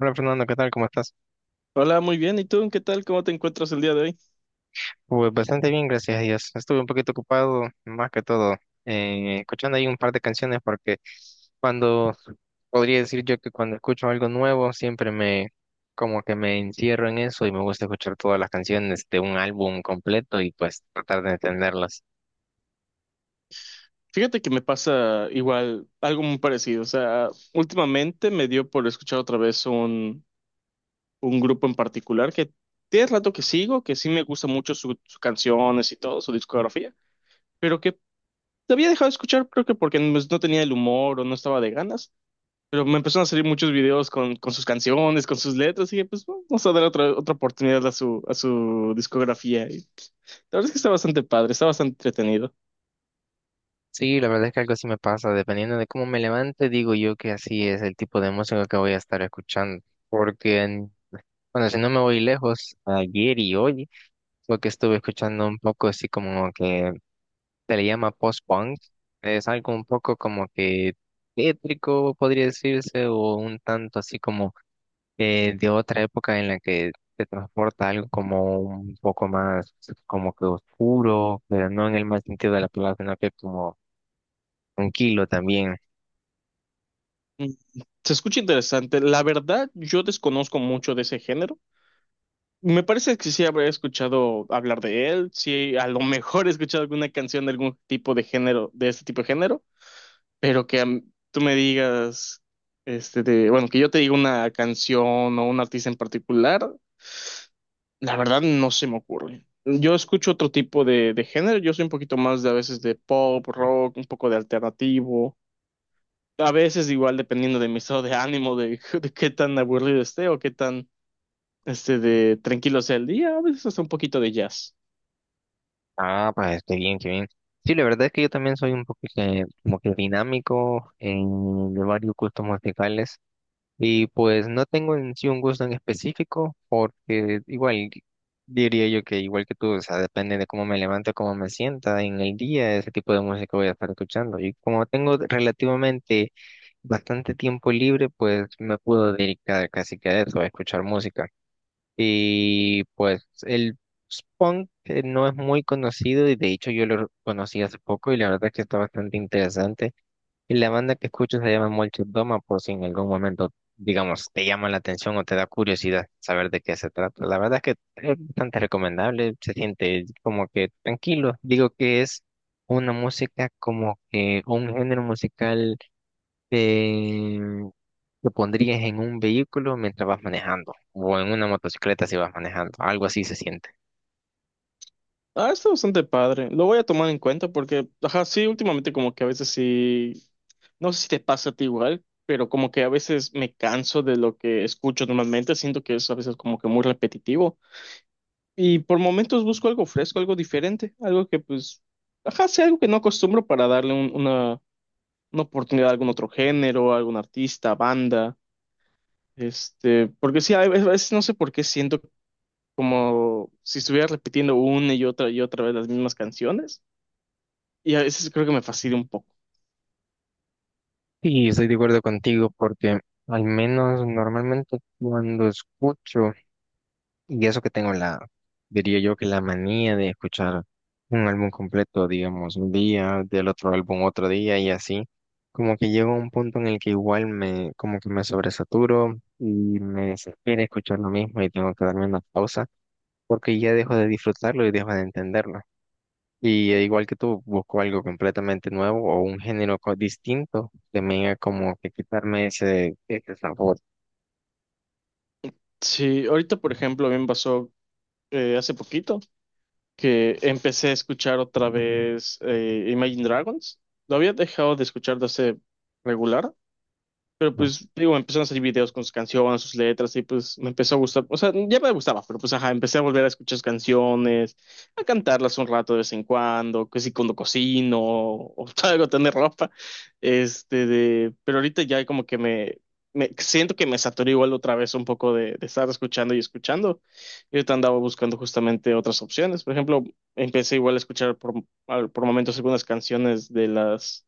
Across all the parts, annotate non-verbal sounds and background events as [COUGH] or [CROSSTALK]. Hola Fernando, ¿qué tal? ¿Cómo estás? Hola, muy bien. ¿Y tú? ¿Qué tal? ¿Cómo te encuentras el día de hoy? Pues bastante bien, gracias a Dios. Estuve un poquito ocupado, más que todo, escuchando ahí un par de canciones porque cuando, podría decir yo que cuando escucho algo nuevo, siempre como que me encierro en eso y me gusta escuchar todas las canciones de un álbum completo y pues tratar de entenderlas. Fíjate que me pasa igual algo muy parecido. O sea, últimamente me dio por escuchar otra vez un grupo en particular que tiene rato que sigo, que sí me gusta mucho sus canciones y todo, su discografía, pero que te había dejado de escuchar creo que porque no pues, no tenía el humor o no estaba de ganas, pero me empezaron a salir muchos videos con sus canciones, con sus letras y dije, pues bueno, vamos a dar otra oportunidad a a su discografía. Y la verdad es que está bastante padre, está bastante entretenido. Sí, la verdad es que algo así me pasa, dependiendo de cómo me levante, digo yo que así es el tipo de música que voy a estar escuchando, porque, bueno, si no me voy lejos, ayer y hoy. Porque estuve escuchando un poco así como que se le llama post-punk. Es algo un poco como que tétrico, podría decirse, o un tanto así como de otra época en la que te transporta algo como un poco más como que oscuro, pero no en el mal sentido de la palabra, sino que como tranquilo también. Mm, se escucha interesante. La verdad, yo desconozco mucho de ese género. Me parece que sí habré escuchado hablar de él, sí, a lo [LAUGHS] mejor he escuchado alguna canción de algún tipo de género, de este tipo de género, pero tú me digas, bueno, que yo te diga una canción o un artista en particular, la verdad no se me ocurre. Yo escucho otro tipo de género, yo soy un poquito más de a veces de pop, rock, un poco de alternativo. A veces igual dependiendo de mi estado de ánimo, [LAUGHS] de qué tan aburrido esté o qué tan de tranquilo sea el día, a veces hasta un poquito de jazz. Ah, pues qué bien, qué bien. Sí, la verdad es que yo también soy un poco que, como que dinámico en de varios gustos musicales. Y pues no tengo en sí un gusto en específico, porque igual diría yo que igual que tú, o sea, depende de cómo me levante, cómo me sienta en el día, ese tipo de música voy a estar escuchando. Y como tengo relativamente bastante tiempo libre, pues me puedo dedicar casi que a eso, a escuchar música. Y pues el punk no es muy conocido y de hecho yo lo conocí hace poco y la verdad es que está bastante interesante. Y la banda que escucho se llama Molchat Doma, por si en algún momento, digamos, te llama la atención o te da curiosidad saber de qué se trata. La verdad es que es bastante recomendable, se siente como que tranquilo. Digo que es una música como que un género musical eh, que pondrías en un vehículo mientras vas manejando o en una motocicleta si vas manejando. Algo así se siente. Ah, está bastante padre. Lo voy a tomar en cuenta porque, ajá, sí, últimamente como que a veces sí, no sé si te pasa a ti igual, pero como que a veces me canso de lo que escucho normalmente, siento que es a veces como que muy repetitivo y por momentos busco algo fresco, algo diferente, algo que pues, ajá, sea algo que no acostumbro para darle una oportunidad a algún otro género, a algún artista, banda, este, porque sí, a veces no sé por qué siento como si estuviera repitiendo una y otra vez las mismas canciones, y a veces creo que me fastidia un poco. Sí, estoy de acuerdo contigo porque al menos normalmente cuando escucho. Y eso que tengo diría yo que la manía de escuchar un álbum completo, digamos, un día, del otro álbum otro día y así, como que llego a un punto en el que igual como que me sobresaturo y me desespera escuchar lo mismo y tengo que darme una pausa porque ya dejo de disfrutarlo y dejo de entenderlo. Y igual que tú, busco algo completamente nuevo o un género distinto, también a como que quitarme ese sabor. Sí, ahorita, por ejemplo, a mí me pasó hace poquito que empecé a escuchar otra vez Imagine Dragons. Lo había dejado de escuchar de hace regular, pero ¿No? pues, digo, empezaron a salir videos con sus canciones, sus letras, y pues me empezó a gustar. O sea, ya me gustaba, pero pues, ajá, empecé a volver a escuchar sus canciones, a cantarlas un rato de vez en cuando, que si cuando cocino, o [LAUGHS] algo, tener ropa. Pero ahorita ya como que me siento que me saturé igual otra vez un poco de estar escuchando y escuchando. Y ahorita andaba buscando justamente otras opciones. Por ejemplo, empecé igual a escuchar por momentos algunas canciones de las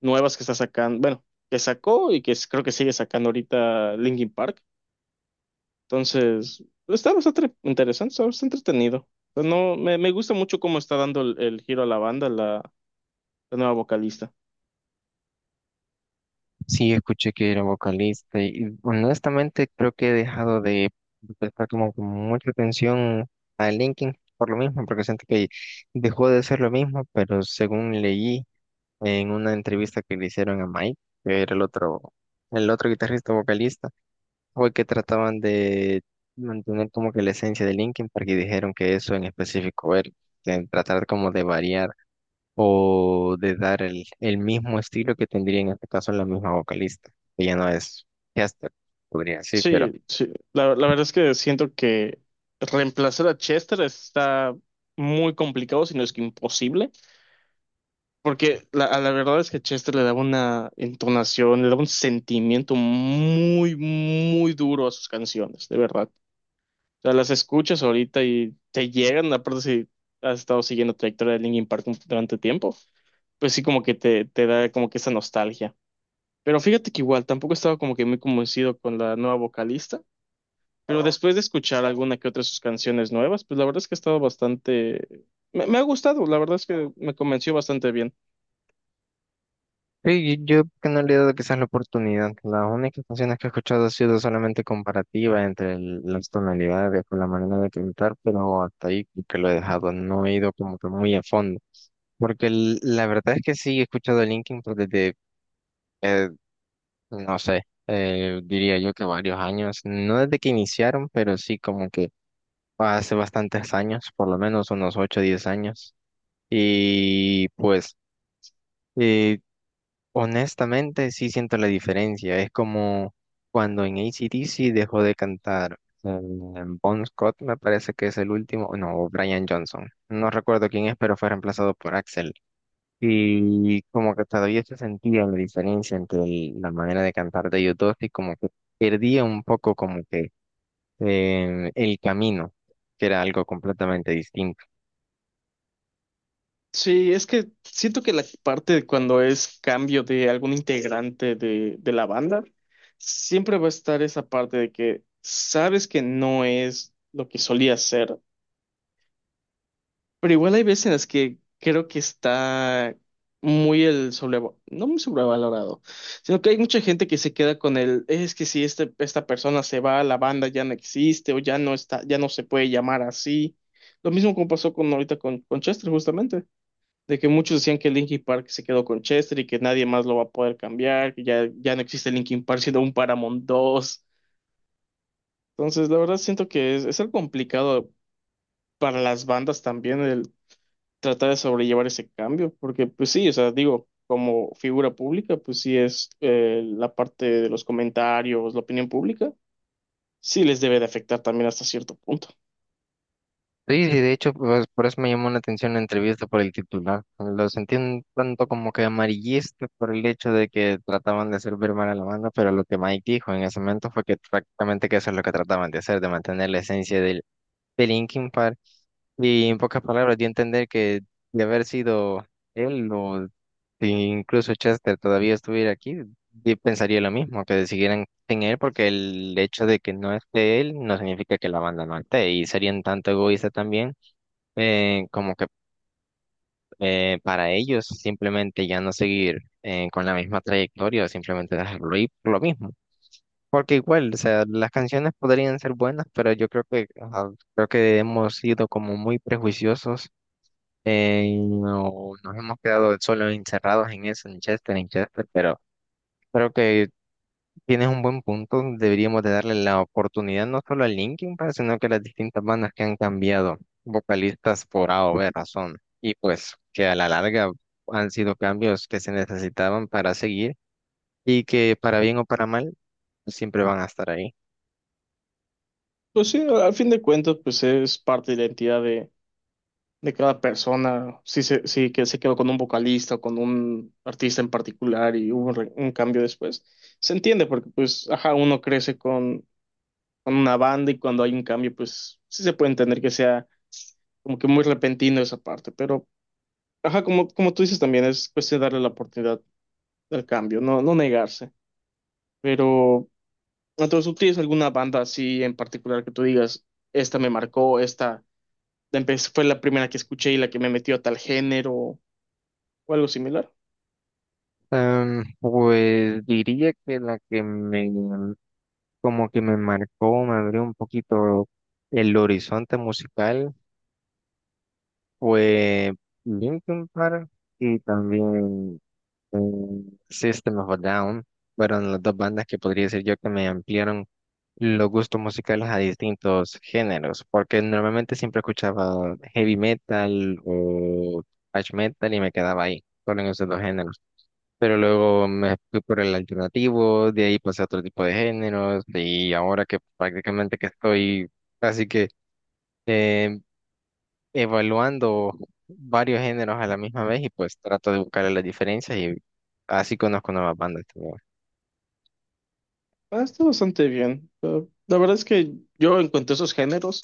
nuevas que está sacando, bueno, que sacó y creo que sigue sacando ahorita Linkin Park. Entonces, pues, está bastante interesante, está bastante entretenido. Pues no, me gusta mucho cómo está dando el giro a la banda la nueva vocalista. Sí, escuché que era vocalista y honestamente creo que he dejado de prestar como que mucha atención a Linkin por lo mismo, porque siento que dejó de ser lo mismo, pero según leí en una entrevista que le hicieron a Mike, que era el otro guitarrista vocalista, fue que trataban de mantener como que la esencia de Linkin, porque dijeron que eso en específico era, de tratar como de variar o de dar el mismo estilo que tendría en este caso la misma vocalista, que ya no es Chester, podría decir, pero Sí, sí, la verdad es que siento que reemplazar a Chester está muy complicado, si no es que imposible, porque a la verdad es que Chester le daba una entonación, le daba un sentimiento muy, muy duro a sus canciones, de verdad. Sea, las escuchas ahorita y te llegan, aparte si has estado siguiendo trayectoria de Linkin Park durante tiempo, pues sí como que te da como que esa nostalgia. Pero fíjate que igual tampoco estaba como que muy convencido con la nueva vocalista, pero después de escuchar alguna que otra de sus canciones nuevas, pues la verdad es que ha estado bastante... Me ha gustado, la verdad es que me convenció bastante bien. sí, yo que no le he dado quizás la oportunidad. Las únicas canciones que he escuchado ha sido solamente comparativa entre las tonalidades con la manera de cantar, pero hasta ahí creo que lo he dejado, no he ido como que muy a fondo, porque la verdad es que sí he escuchado a Linkin Park eh, no sé, diría yo que varios años, no desde que iniciaron, pero sí como que hace bastantes años, por lo menos unos 8 o 10 años. Y pues, eh, honestamente, sí siento la diferencia. Es como cuando en AC/DC dejó de cantar eh, Bon Scott, me parece que es el último, no, o Brian Johnson. No recuerdo quién es, pero fue reemplazado por Axel. Y como que todavía se sentía la diferencia entre la manera de cantar de ellos dos y como que perdía un poco como que el camino, que era algo completamente distinto. Sí, es que siento que la parte de cuando es cambio de algún integrante de la banda, siempre va a estar esa parte de que sabes que no es lo que solía ser, pero igual hay veces en las que creo que está muy el sobre, no muy sobrevalorado, sino que hay mucha gente que se queda con el, es que si esta persona se va, la banda ya no existe o ya no está, ya no se puede llamar así. Lo mismo como pasó con ahorita con Chester, justamente de que muchos decían que Linkin Park se quedó con Chester y que nadie más lo va a poder cambiar, que ya, ya no existe Linkin Park sino un Paramount dos. Entonces, la verdad siento que es algo complicado para las bandas también el tratar de sobrellevar ese cambio, porque pues sí, o sea, digo, como figura pública, pues sí es la parte de los comentarios, la opinión pública, sí les debe de afectar también hasta cierto punto. Sí, sí, de hecho, pues, por eso me llamó la atención la entrevista por el titular. Lo sentí un tanto como que amarillista por el hecho de que trataban de hacer ver mal a la banda, pero lo que Mike dijo en ese momento fue que prácticamente que eso es lo que trataban de hacer, de mantener la esencia del Linkin Park. Y en pocas palabras, di a entender que de haber sido él o si incluso Chester todavía estuviera aquí, yo pensaría lo mismo, que siguieran sin él, porque el hecho de que no esté él no significa que la banda no esté, y serían tanto egoísta también como que para ellos simplemente ya no seguir con la misma trayectoria, simplemente dejarlo ir por lo mismo. Porque igual, o sea, las canciones podrían ser buenas, pero yo creo que ajá, creo que hemos sido como muy prejuiciosos y no, nos hemos quedado solo encerrados en eso, en Chester, pero creo que tienes un buen punto, deberíamos de darle la oportunidad no solo a Linkin Park, sino que a las distintas bandas que han cambiado vocalistas por A o B razón, y pues que a la larga han sido cambios que se necesitaban para seguir y que para bien o para mal siempre van a estar ahí. Pues sí, al fin de cuentas, pues es parte de la identidad de cada persona, si, si que se quedó con un vocalista o con un artista en particular y hubo un, un cambio después, se entiende porque pues, ajá, uno crece con una banda y cuando hay un cambio, pues sí se puede entender que sea como que muy repentino esa parte, pero ajá, como tú dices también, es cuestión de darle la oportunidad al cambio, no, no negarse, pero entonces tú tienes alguna banda así en particular que tú digas, esta me marcó, esta fue la primera que escuché y la que me metió a tal género o algo similar. Pues diría que la que me como que me marcó, me abrió un poquito el horizonte musical fue Linkin Park y también mm, System of a Down fueron las dos bandas que podría decir yo que me ampliaron los gustos musicales a distintos géneros, porque normalmente siempre escuchaba heavy metal o thrash metal y me quedaba ahí, solo en esos dos géneros. Pero luego me fui por el alternativo, de ahí pasé a otro tipo de géneros y ahora que prácticamente que estoy así que eh, evaluando varios géneros a la misma vez y pues trato de buscarle las diferencias y así conozco nuevas bandas. Ah, está bastante bien. Ah, la verdad es que yo en cuanto a esos géneros,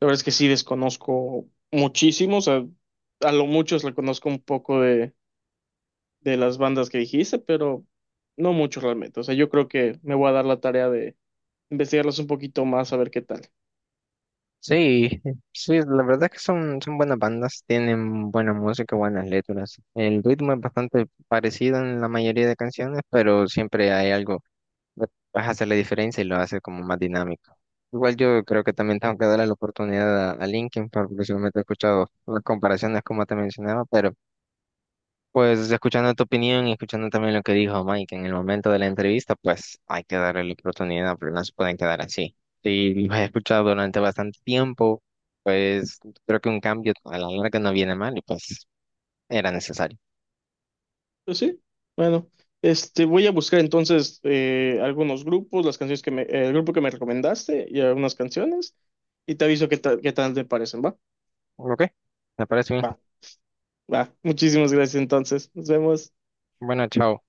la verdad es que sí desconozco muchísimos. A lo mucho le conozco un poco de las bandas que dijiste, pero no mucho realmente. O sea, yo creo que me voy a dar la tarea de investigarlas un poquito más a ver qué tal. Sí, sí, la verdad es que son buenas bandas, tienen buena música, buenas letras. El ritmo es bastante parecido en la mayoría de canciones, pero siempre hay algo que vas a hacer la diferencia y lo hace como más dinámico. Igual yo creo que también tengo que darle la oportunidad a Linkin Park, porque solamente he escuchado las comparaciones como te mencionaba, pero pues escuchando tu opinión y escuchando también lo que dijo Mike en el momento de la entrevista, pues hay que darle la oportunidad, pero no se pueden quedar así. Si los he escuchado durante bastante tiempo, pues creo que un cambio a la larga no viene mal y pues era necesario. Pues sí, bueno, este, voy a buscar entonces algunos grupos, las canciones que me, el grupo que me recomendaste y algunas canciones, y te aviso qué tal te parecen, ¿va? ¿Ok? Me parece bien. Va, va. Muchísimas gracias entonces. Nos vemos. Bueno, chao.